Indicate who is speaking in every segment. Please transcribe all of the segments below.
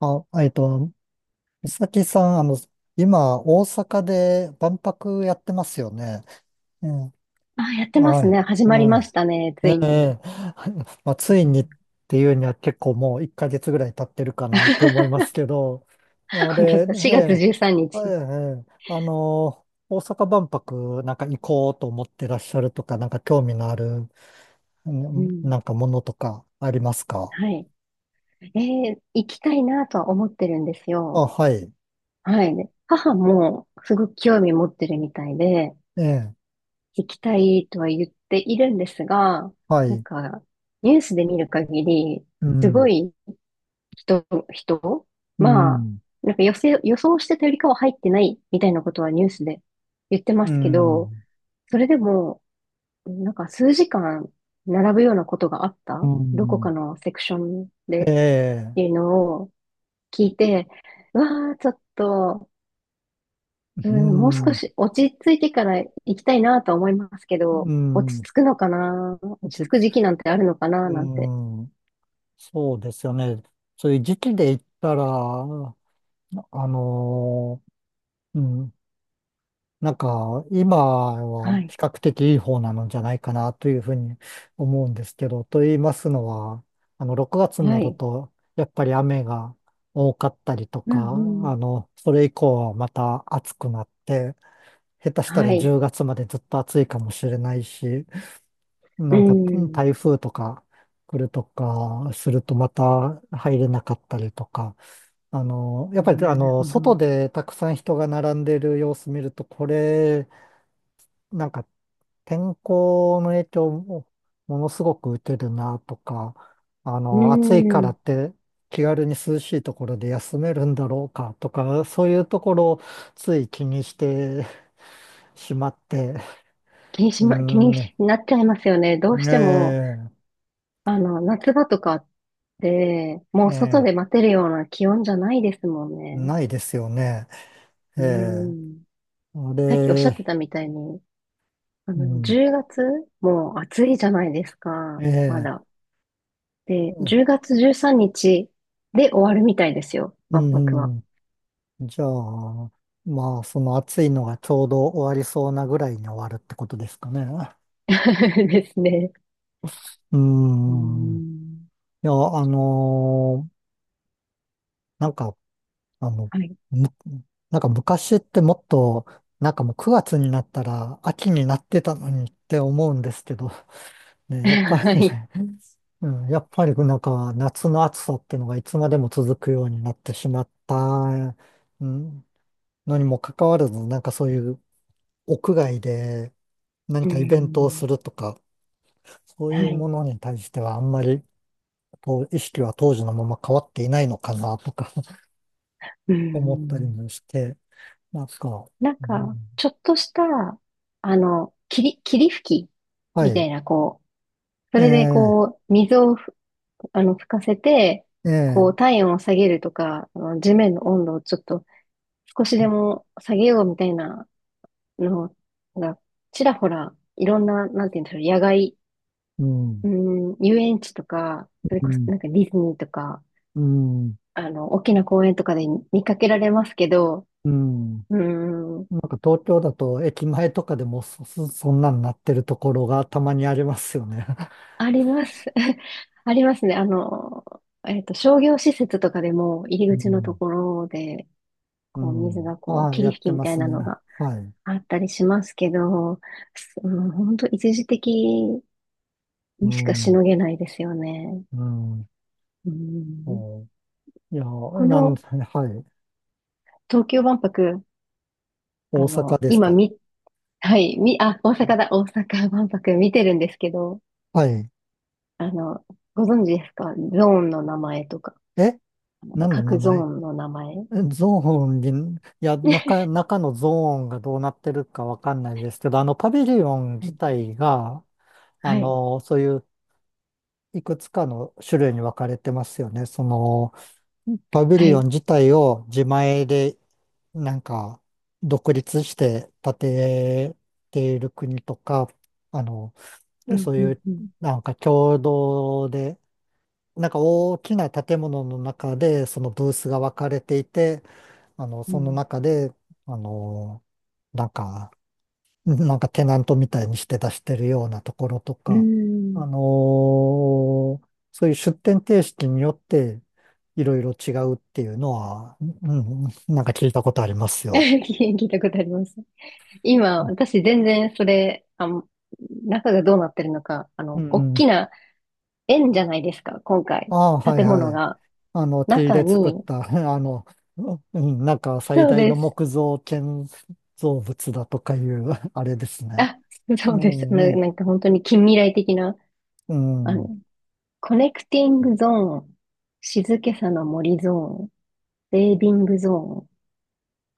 Speaker 1: あ、えっと、美咲さん、今、大阪で万博やってますよね。うん、
Speaker 2: あ、やってま
Speaker 1: は
Speaker 2: す
Speaker 1: い、
Speaker 2: ね。始まりま
Speaker 1: は
Speaker 2: し
Speaker 1: い。
Speaker 2: たね。ついに。
Speaker 1: まあ、ついにっていうには結構もう1ヶ月ぐらい経ってるかなって思いますけど、あ
Speaker 2: 本当
Speaker 1: れ、
Speaker 2: だ。
Speaker 1: え
Speaker 2: 4月
Speaker 1: え、
Speaker 2: 13
Speaker 1: え
Speaker 2: 日。
Speaker 1: え、あの、大阪万博なんか行こうと思ってらっしゃるとか、なんか興味のある、う
Speaker 2: う
Speaker 1: ん
Speaker 2: ん。
Speaker 1: なんかものとかありますか？
Speaker 2: はい。行きたいなとは思ってるんです
Speaker 1: あ、
Speaker 2: よ。
Speaker 1: はい、
Speaker 2: はい。で、母もすごく興味持ってるみたいで、
Speaker 1: ええ、
Speaker 2: 行きたいとは言っているんですが、
Speaker 1: は
Speaker 2: なん
Speaker 1: い、
Speaker 2: か、ニュースで見る限り、
Speaker 1: う
Speaker 2: すご
Speaker 1: ん、
Speaker 2: い人、
Speaker 1: う
Speaker 2: まあ、
Speaker 1: ん、
Speaker 2: なんか予想してたよりかは入ってないみたいなことはニュースで言ってま
Speaker 1: う
Speaker 2: すけど、
Speaker 1: ん。
Speaker 2: それでも、なんか数時間並ぶようなことがあっ
Speaker 1: う
Speaker 2: たどこか
Speaker 1: ん、
Speaker 2: のセクションで
Speaker 1: え
Speaker 2: っ
Speaker 1: え、
Speaker 2: ていうのを聞いて、うわあ、ちょっと、う
Speaker 1: う
Speaker 2: ん、もう
Speaker 1: ん、
Speaker 2: 少
Speaker 1: う
Speaker 2: し落ち着いてから行きたいなとは思いますけど、落ち
Speaker 1: ん、
Speaker 2: 着くのかな、落
Speaker 1: 落
Speaker 2: ち着
Speaker 1: ち
Speaker 2: く
Speaker 1: 着、
Speaker 2: 時期なんてあるのかななんて。
Speaker 1: うん、そうですよね。そういう時期で言ったら、のうん、なんか、今
Speaker 2: は
Speaker 1: は
Speaker 2: い。
Speaker 1: 比較的いい方なのじゃないかなというふうに思うんですけど、と言いますのは、あの、6月に
Speaker 2: は
Speaker 1: なる
Speaker 2: い。
Speaker 1: と、やっぱり雨が多かったりと
Speaker 2: う
Speaker 1: か、
Speaker 2: ん、うん。
Speaker 1: あの、それ以降はまた暑くなって、下手した
Speaker 2: は
Speaker 1: ら
Speaker 2: い。
Speaker 1: 10月までずっと暑いかもしれないし、
Speaker 2: う
Speaker 1: なんか
Speaker 2: ん。
Speaker 1: 台風とか来るとかするとまた入れなかったりとか、あの、やっぱり
Speaker 2: な
Speaker 1: あ
Speaker 2: る
Speaker 1: の、
Speaker 2: ほ
Speaker 1: 外
Speaker 2: ど。
Speaker 1: でたくさん人が並んでる様子見ると、これ、なんか天候の影響もものすごく受けるなとか、あ
Speaker 2: う
Speaker 1: の、暑いから
Speaker 2: ん。
Speaker 1: って気軽に涼しいところで休めるんだろうかとか、そういうところをつい気にしてしまって、う
Speaker 2: 気に
Speaker 1: ん、
Speaker 2: なっちゃいますよね。どうし
Speaker 1: ね
Speaker 2: ても、
Speaker 1: え、
Speaker 2: あの、夏場とかで、もう外
Speaker 1: え
Speaker 2: で
Speaker 1: え、
Speaker 2: 待てるような気温じゃないですもんね。
Speaker 1: ないですよね。え
Speaker 2: う
Speaker 1: え、
Speaker 2: ん。
Speaker 1: あ
Speaker 2: さっきおっしゃって
Speaker 1: れ、
Speaker 2: たみたいに、あ
Speaker 1: う
Speaker 2: の、
Speaker 1: ん、
Speaker 2: 10月もう暑いじゃないです
Speaker 1: え
Speaker 2: か、ま
Speaker 1: え、
Speaker 2: だ。で、
Speaker 1: う
Speaker 2: 10月13日で終わるみたいですよ、万博
Speaker 1: ん、
Speaker 2: は。
Speaker 1: うん、じゃあ、まあ、その暑いのがちょうど終わりそうなぐらいに終わるってことですかね。
Speaker 2: ですね。
Speaker 1: う
Speaker 2: うー
Speaker 1: ん、い
Speaker 2: ん。
Speaker 1: や、なんか、あの、
Speaker 2: はい。
Speaker 1: む、なんか昔ってもっと、なんかもう9月になったら秋になってたのにって思うんですけど、ね、やっぱ
Speaker 2: は
Speaker 1: り
Speaker 2: い。
Speaker 1: ね、うん、やっぱりなんか夏の暑さっていうのがいつまでも続くようになってしまった、うん、のにもかかわらず、なんかそういう屋外で何
Speaker 2: うー
Speaker 1: かイベントを
Speaker 2: ん。
Speaker 1: するとか、そうい
Speaker 2: は
Speaker 1: うも
Speaker 2: い。
Speaker 1: のに対してはあんまりこう意識は当時のまま変わっていないのかなとか
Speaker 2: うー
Speaker 1: 思ったり
Speaker 2: ん。
Speaker 1: もして、なんか、
Speaker 2: なん
Speaker 1: う
Speaker 2: か、
Speaker 1: ん、
Speaker 2: ちょっとした、あの、霧吹き
Speaker 1: は
Speaker 2: みた
Speaker 1: い、
Speaker 2: いな、こう、それで
Speaker 1: ええ、
Speaker 2: こう、水をあの、吹かせて、こ
Speaker 1: え
Speaker 2: う、
Speaker 1: え、
Speaker 2: 体温を下げるとか、あの、地面の温度をちょっと少しでも下げようみたいなのが、ちらほら、いろんな、なんて言うんでしょう、野外、
Speaker 1: うん、
Speaker 2: うん、遊園地とか、それ
Speaker 1: う
Speaker 2: こそ
Speaker 1: ん、
Speaker 2: なんかディズニーとか、
Speaker 1: うん、
Speaker 2: あの、大きな公園とかで見かけられますけど、
Speaker 1: うん。
Speaker 2: うん、
Speaker 1: なんか東京だと駅前とかでもそんなんなってるところがたまにありますよね。
Speaker 2: あります。ありますね。あの、えっと、商業施設とかでも入
Speaker 1: う
Speaker 2: り口のと
Speaker 1: ん。
Speaker 2: ころで、
Speaker 1: う
Speaker 2: こう、水
Speaker 1: ん。
Speaker 2: がこう、
Speaker 1: ああ、や
Speaker 2: 霧
Speaker 1: っ
Speaker 2: 吹き
Speaker 1: て
Speaker 2: み
Speaker 1: ま
Speaker 2: たい
Speaker 1: す
Speaker 2: な
Speaker 1: ね。
Speaker 2: のが、
Speaker 1: はい。
Speaker 2: あったりしますけど、うん、本当一時的
Speaker 1: う
Speaker 2: にしかし
Speaker 1: ん。
Speaker 2: のげないですよね。
Speaker 1: うん。
Speaker 2: うん、
Speaker 1: お、いや、
Speaker 2: こ
Speaker 1: なん、
Speaker 2: の
Speaker 1: はい。
Speaker 2: 東京万博、あ
Speaker 1: 大阪
Speaker 2: の、
Speaker 1: です
Speaker 2: 今
Speaker 1: か。
Speaker 2: み、はい、み、あ、大阪だ、大阪万博見てるんですけど、
Speaker 1: はい。
Speaker 2: あの、ご存知ですか、ゾーンの名前とか、
Speaker 1: え、何の名
Speaker 2: 各ゾー
Speaker 1: 前？
Speaker 2: ンの名前。
Speaker 1: え、ゾーンに、いや、中のゾーンがどうなってるかわかんないですけど、あの、パビリオン
Speaker 2: は
Speaker 1: 自
Speaker 2: い、
Speaker 1: 体が、あ
Speaker 2: はい、
Speaker 1: の、そういういくつかの種類に分かれてますよね。その、パビ
Speaker 2: は
Speaker 1: リオ
Speaker 2: い。
Speaker 1: ン自体を自前でなんか独立して建てている国とか、あの、
Speaker 2: うん、
Speaker 1: そう
Speaker 2: う
Speaker 1: い
Speaker 2: ん、
Speaker 1: う
Speaker 2: うん、
Speaker 1: なんか共同で、なんか大きな建物の中でそのブースが分かれていて、あの、
Speaker 2: う
Speaker 1: その
Speaker 2: ん。
Speaker 1: 中で、あの、なんか、なんかテナントみたいにして出してるようなところと
Speaker 2: う
Speaker 1: か、
Speaker 2: ん。
Speaker 1: あのーそういう出店形式によっていろいろ違うっていうのは、うん、なんか聞いたことあります よ。
Speaker 2: 聞いたことあります。今、私全然それ、あの、中がどうなってるのか、あ
Speaker 1: う
Speaker 2: の、大
Speaker 1: ん。
Speaker 2: きな円じゃないですか、今回。
Speaker 1: ああー、はい
Speaker 2: 建
Speaker 1: は
Speaker 2: 物
Speaker 1: い。
Speaker 2: が。
Speaker 1: あの、木
Speaker 2: 中
Speaker 1: で作っ
Speaker 2: に、
Speaker 1: た、あの、うん、なんか最
Speaker 2: そう
Speaker 1: 大
Speaker 2: で
Speaker 1: の
Speaker 2: す。
Speaker 1: 木造建造物だとかいう、あれですね。
Speaker 2: あ、
Speaker 1: う
Speaker 2: そうです。
Speaker 1: ん、う
Speaker 2: な、
Speaker 1: ん、
Speaker 2: なんか本当に近未来的な、
Speaker 1: う
Speaker 2: あ
Speaker 1: ん、うん。
Speaker 2: の、コネクティングゾーン、静けさの森ゾーン、セービングゾーン、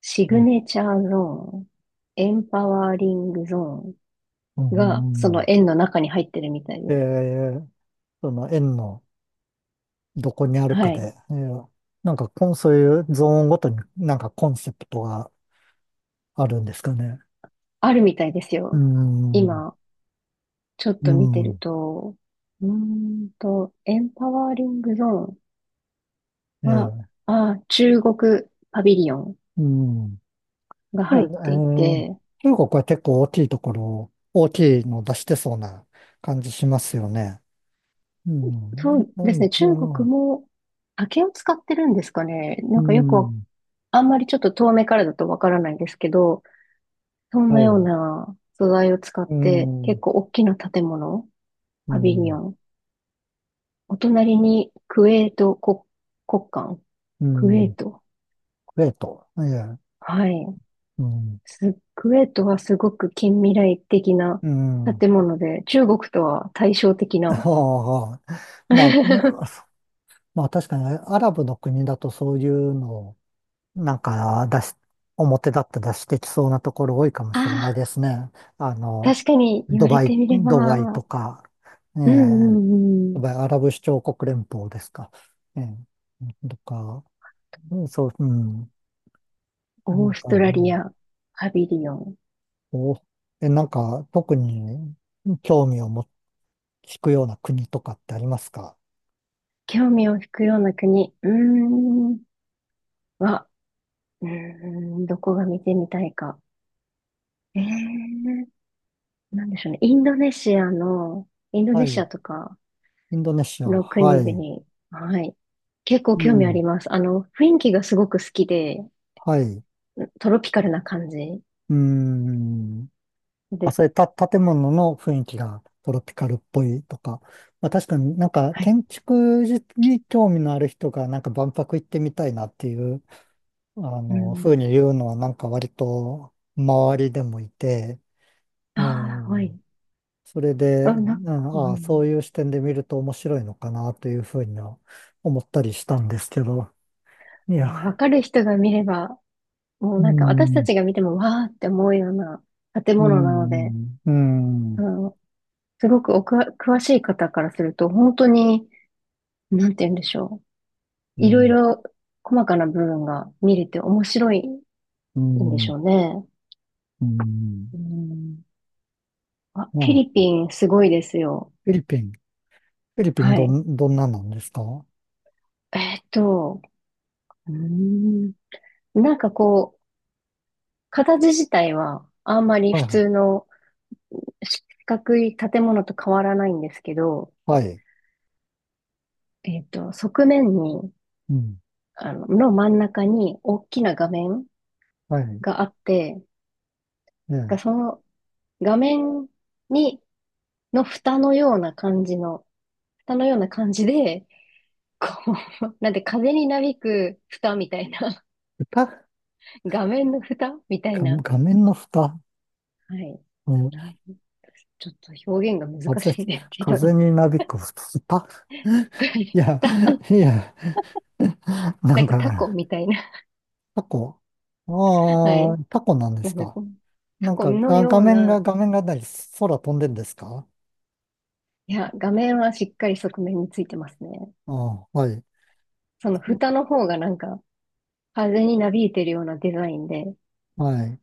Speaker 2: シグネチャーゾーン、エンパワーリングゾー
Speaker 1: うん、
Speaker 2: ンが、
Speaker 1: う
Speaker 2: その
Speaker 1: ん、
Speaker 2: 円の中に入ってるみたいです。
Speaker 1: え、その円の、どこにある
Speaker 2: は
Speaker 1: か
Speaker 2: い。
Speaker 1: で、えー、なんかそういうゾーンごとになんかコンセプトがあるんですかね。
Speaker 2: あるみたいです
Speaker 1: うー
Speaker 2: よ。
Speaker 1: ん、
Speaker 2: 今、ちょっ
Speaker 1: う
Speaker 2: と見てる
Speaker 1: ん、
Speaker 2: と、うーんと、エンパワーリングゾーンは、
Speaker 1: ええ、
Speaker 2: あ、中国パビリオン
Speaker 1: うん。で、
Speaker 2: が
Speaker 1: え
Speaker 2: 入ってい
Speaker 1: ー、
Speaker 2: て、
Speaker 1: 中国は結構大きいところ、大きいの出してそうな感じしますよね。う
Speaker 2: そ
Speaker 1: ん、
Speaker 2: う
Speaker 1: う
Speaker 2: ですね、
Speaker 1: ん、
Speaker 2: 中
Speaker 1: う
Speaker 2: 国
Speaker 1: ん、
Speaker 2: も竹を使ってるんですかね。
Speaker 1: う
Speaker 2: なんかよくわ、
Speaker 1: ん、
Speaker 2: あんまりちょっと遠目からだとわからないんですけど、そん
Speaker 1: は
Speaker 2: なよう
Speaker 1: い、
Speaker 2: な素材を使っ
Speaker 1: う
Speaker 2: て結
Speaker 1: ん、
Speaker 2: 構大きな建物、
Speaker 1: う
Speaker 2: パビリオ
Speaker 1: ん、
Speaker 2: ン、お隣にクウェート国、国館、
Speaker 1: う
Speaker 2: クウェ
Speaker 1: ん、
Speaker 2: ート。
Speaker 1: クウェート、えー、
Speaker 2: はい。
Speaker 1: うん、
Speaker 2: スクエットはすごく近未来的な
Speaker 1: うん。
Speaker 2: 建物で、中国とは対照的な。
Speaker 1: はあはあ。まあ、
Speaker 2: あ
Speaker 1: まあ確かにね、アラブの国だとそういうのをなんか出し、表だって出してきそうなところ多いかもしれない
Speaker 2: あ、
Speaker 1: ですね。あの、
Speaker 2: 確かに言われてみれ
Speaker 1: ドバイと
Speaker 2: ば。
Speaker 1: か、え
Speaker 2: うん、う
Speaker 1: え、
Speaker 2: ん、う
Speaker 1: ド
Speaker 2: ん。
Speaker 1: バイ、アラブ首長国連邦ですか。ええとか、うん、そう、うん、な
Speaker 2: オー
Speaker 1: ん
Speaker 2: ス
Speaker 1: か、
Speaker 2: ト
Speaker 1: う
Speaker 2: ラリ
Speaker 1: ん、
Speaker 2: ア、パビリオン。
Speaker 1: こう、え、なんか特に興味を持引くような国とかってありますか？
Speaker 2: 興味を引くような国。うーん。は、うーん、どこが見てみたいか。ええ、なんでしょうね。インドネシアの、インド
Speaker 1: は
Speaker 2: ネシ
Speaker 1: い。
Speaker 2: アとか
Speaker 1: インドネシア、
Speaker 2: の
Speaker 1: は
Speaker 2: 国
Speaker 1: い。
Speaker 2: 々。はい。結構
Speaker 1: う
Speaker 2: 興味あ
Speaker 1: ん。
Speaker 2: ります。あの、雰囲気がすごく好きで、
Speaker 1: はい。う
Speaker 2: トロピカルな感じ
Speaker 1: ーん。まあ、
Speaker 2: で、
Speaker 1: それ建物の雰囲気がトロピカルっぽいとか、まあ、確かになんか
Speaker 2: はい。
Speaker 1: 建築に興味のある人がなんか万博行ってみたいなっていう、あ
Speaker 2: う
Speaker 1: の、
Speaker 2: ん。
Speaker 1: 風に言うのはなんか割と周りでもいて、え
Speaker 2: ああ、はい。
Speaker 1: ーそれで、
Speaker 2: あ、
Speaker 1: う
Speaker 2: なんか、
Speaker 1: ん、
Speaker 2: う
Speaker 1: ああ、そ
Speaker 2: ん、
Speaker 1: ういう視点で見ると面白いのかなというふうには思ったりしたんですけど、いや、
Speaker 2: もうわかる人が見れば、も
Speaker 1: う
Speaker 2: うなんか私た
Speaker 1: ん、
Speaker 2: ちが見てもわーって思うような建
Speaker 1: う
Speaker 2: 物なので、
Speaker 1: ん、う
Speaker 2: あ
Speaker 1: ん、
Speaker 2: の、すごくおくわ詳しい方からすると、本当に、なんて言うんでしょう。
Speaker 1: う
Speaker 2: いろい
Speaker 1: ん、
Speaker 2: ろ細かな部分が見れて面白い
Speaker 1: う
Speaker 2: んでし
Speaker 1: ん、
Speaker 2: ょうね。
Speaker 1: うん、
Speaker 2: うん。あ、フィ
Speaker 1: ま
Speaker 2: リ
Speaker 1: あ、
Speaker 2: ピンすごいですよ。
Speaker 1: フィリピン。フィリピン、
Speaker 2: はい。
Speaker 1: どんななんですか？は
Speaker 2: えーっと、うーん。なんかこう、形自体はあんまり
Speaker 1: い、は
Speaker 2: 普通
Speaker 1: い。
Speaker 2: の四角い建物と変わらないんですけど、
Speaker 1: はい。
Speaker 2: えっと、側面に、
Speaker 1: うん。
Speaker 2: あの、の真ん中に大きな画面
Speaker 1: はい。
Speaker 2: があって、
Speaker 1: え
Speaker 2: が
Speaker 1: え。
Speaker 2: その画面に、の蓋のような感じの、蓋のような感じで、こう、なんで風になびく蓋みたいな、
Speaker 1: 蓋が
Speaker 2: 画面の蓋みたいな、
Speaker 1: 画面の蓋。
Speaker 2: はい。
Speaker 1: うん。
Speaker 2: なん、ちょっと表現が難
Speaker 1: 風、
Speaker 2: しいんですけど
Speaker 1: 風
Speaker 2: ね、
Speaker 1: になびく蓋。いや、いや、な
Speaker 2: な
Speaker 1: ん
Speaker 2: んかタコ
Speaker 1: か、
Speaker 2: みたいな、
Speaker 1: タコ。
Speaker 2: は
Speaker 1: あ
Speaker 2: い。
Speaker 1: あ、タコなんで
Speaker 2: な
Speaker 1: す
Speaker 2: んだ
Speaker 1: か。
Speaker 2: このタ
Speaker 1: なん
Speaker 2: コ
Speaker 1: か、
Speaker 2: のような、
Speaker 1: 画面がない、空飛んでんですか？
Speaker 2: いや、画面はしっかり側面についてますね。
Speaker 1: ああ、はい。
Speaker 2: その蓋の方がなんか、風になびいてるようなデザインで、
Speaker 1: はい。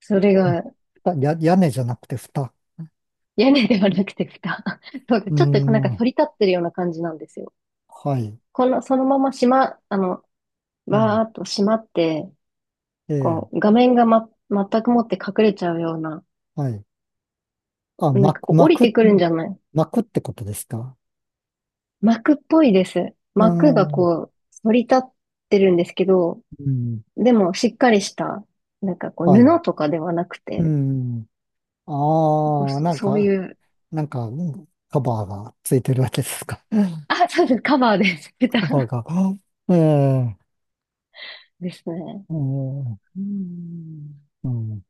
Speaker 2: それが
Speaker 1: 屋根じゃなくて蓋。
Speaker 2: 屋根ではなくて蓋。そうか、
Speaker 1: うー
Speaker 2: ちょっとなんか反
Speaker 1: ん、
Speaker 2: り立ってるような感じなんですよ。
Speaker 1: はい。
Speaker 2: この、そのまましま、あの、
Speaker 1: う
Speaker 2: バー
Speaker 1: ん。
Speaker 2: っと閉まって、
Speaker 1: ええ、
Speaker 2: こう、画面がま、全くもって隠れちゃうような、
Speaker 1: はい。あ、
Speaker 2: なんかこう降りてくるんじゃない、
Speaker 1: 巻くってことですか。
Speaker 2: 幕っぽいです。
Speaker 1: あ
Speaker 2: 幕が
Speaker 1: の、
Speaker 2: こう、反り立ってるんですけど、
Speaker 1: うん、
Speaker 2: でも、しっかりした、なんかこう、
Speaker 1: はい。
Speaker 2: 布とかではなく
Speaker 1: う
Speaker 2: て、
Speaker 1: ん。
Speaker 2: こう、
Speaker 1: ああ、
Speaker 2: そ
Speaker 1: なん
Speaker 2: そう
Speaker 1: か、
Speaker 2: いう、
Speaker 1: なんか、うんカバーがついてるわけですか。
Speaker 2: あ、そうです、カバーです。ベタ
Speaker 1: カバーが。ええ、
Speaker 2: ですね。
Speaker 1: ええ、
Speaker 2: うん。
Speaker 1: うん。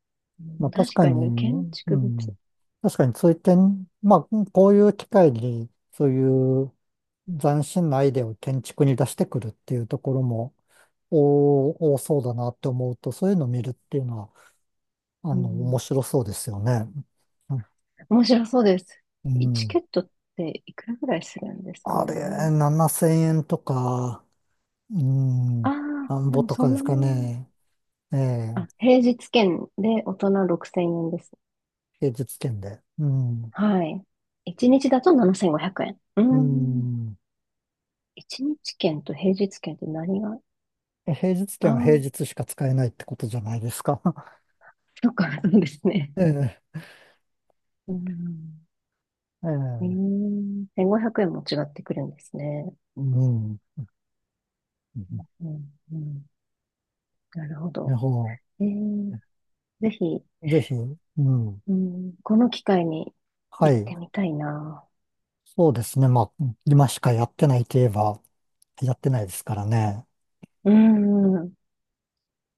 Speaker 1: まあ確
Speaker 2: 確
Speaker 1: か
Speaker 2: かに、建
Speaker 1: に、う
Speaker 2: 築物。
Speaker 1: ん。確かにそういって、まあ、こういう機会に、そういう斬新なアイデアを建築に出してくるっていうところも、お多そうだなって思うと、そういうのを見るっていうのは、あ
Speaker 2: う
Speaker 1: の、面
Speaker 2: ん。
Speaker 1: 白そうですよね。
Speaker 2: 面白そうです。
Speaker 1: う
Speaker 2: チ
Speaker 1: ん。
Speaker 2: ケットっていくらぐらいするんですか
Speaker 1: あれ、
Speaker 2: ね。
Speaker 1: 7000円とか、うん、
Speaker 2: ああ、
Speaker 1: なん
Speaker 2: で
Speaker 1: ぼ
Speaker 2: も
Speaker 1: と
Speaker 2: そ
Speaker 1: か
Speaker 2: ん
Speaker 1: で
Speaker 2: な
Speaker 1: すか
Speaker 2: もん。
Speaker 1: ね。ええ、
Speaker 2: あ、平日券で大人6000円です。
Speaker 1: 平日券で。うん。
Speaker 2: はい。1日だと7500円。うー
Speaker 1: う
Speaker 2: ん。
Speaker 1: ん。
Speaker 2: 1日券と平日券って何が、
Speaker 1: え、平日
Speaker 2: ああ
Speaker 1: 券は平
Speaker 2: ー、
Speaker 1: 日しか使えないってことじゃないですか。
Speaker 2: そっか、そうですね。
Speaker 1: ええ、
Speaker 2: うん。
Speaker 1: え
Speaker 2: う
Speaker 1: え、
Speaker 2: ん。1500円も違ってくるんですね。
Speaker 1: うん。
Speaker 2: うん。うん。なるほ
Speaker 1: ね
Speaker 2: ど。
Speaker 1: ほ
Speaker 2: えー、ぜひ、
Speaker 1: う。ぜひ、うん。
Speaker 2: うん、この機会に
Speaker 1: は
Speaker 2: 行っ
Speaker 1: い。
Speaker 2: てみたいな。
Speaker 1: そうですね。まあ、今しかやってないといえば、やってないですからね。
Speaker 2: うん。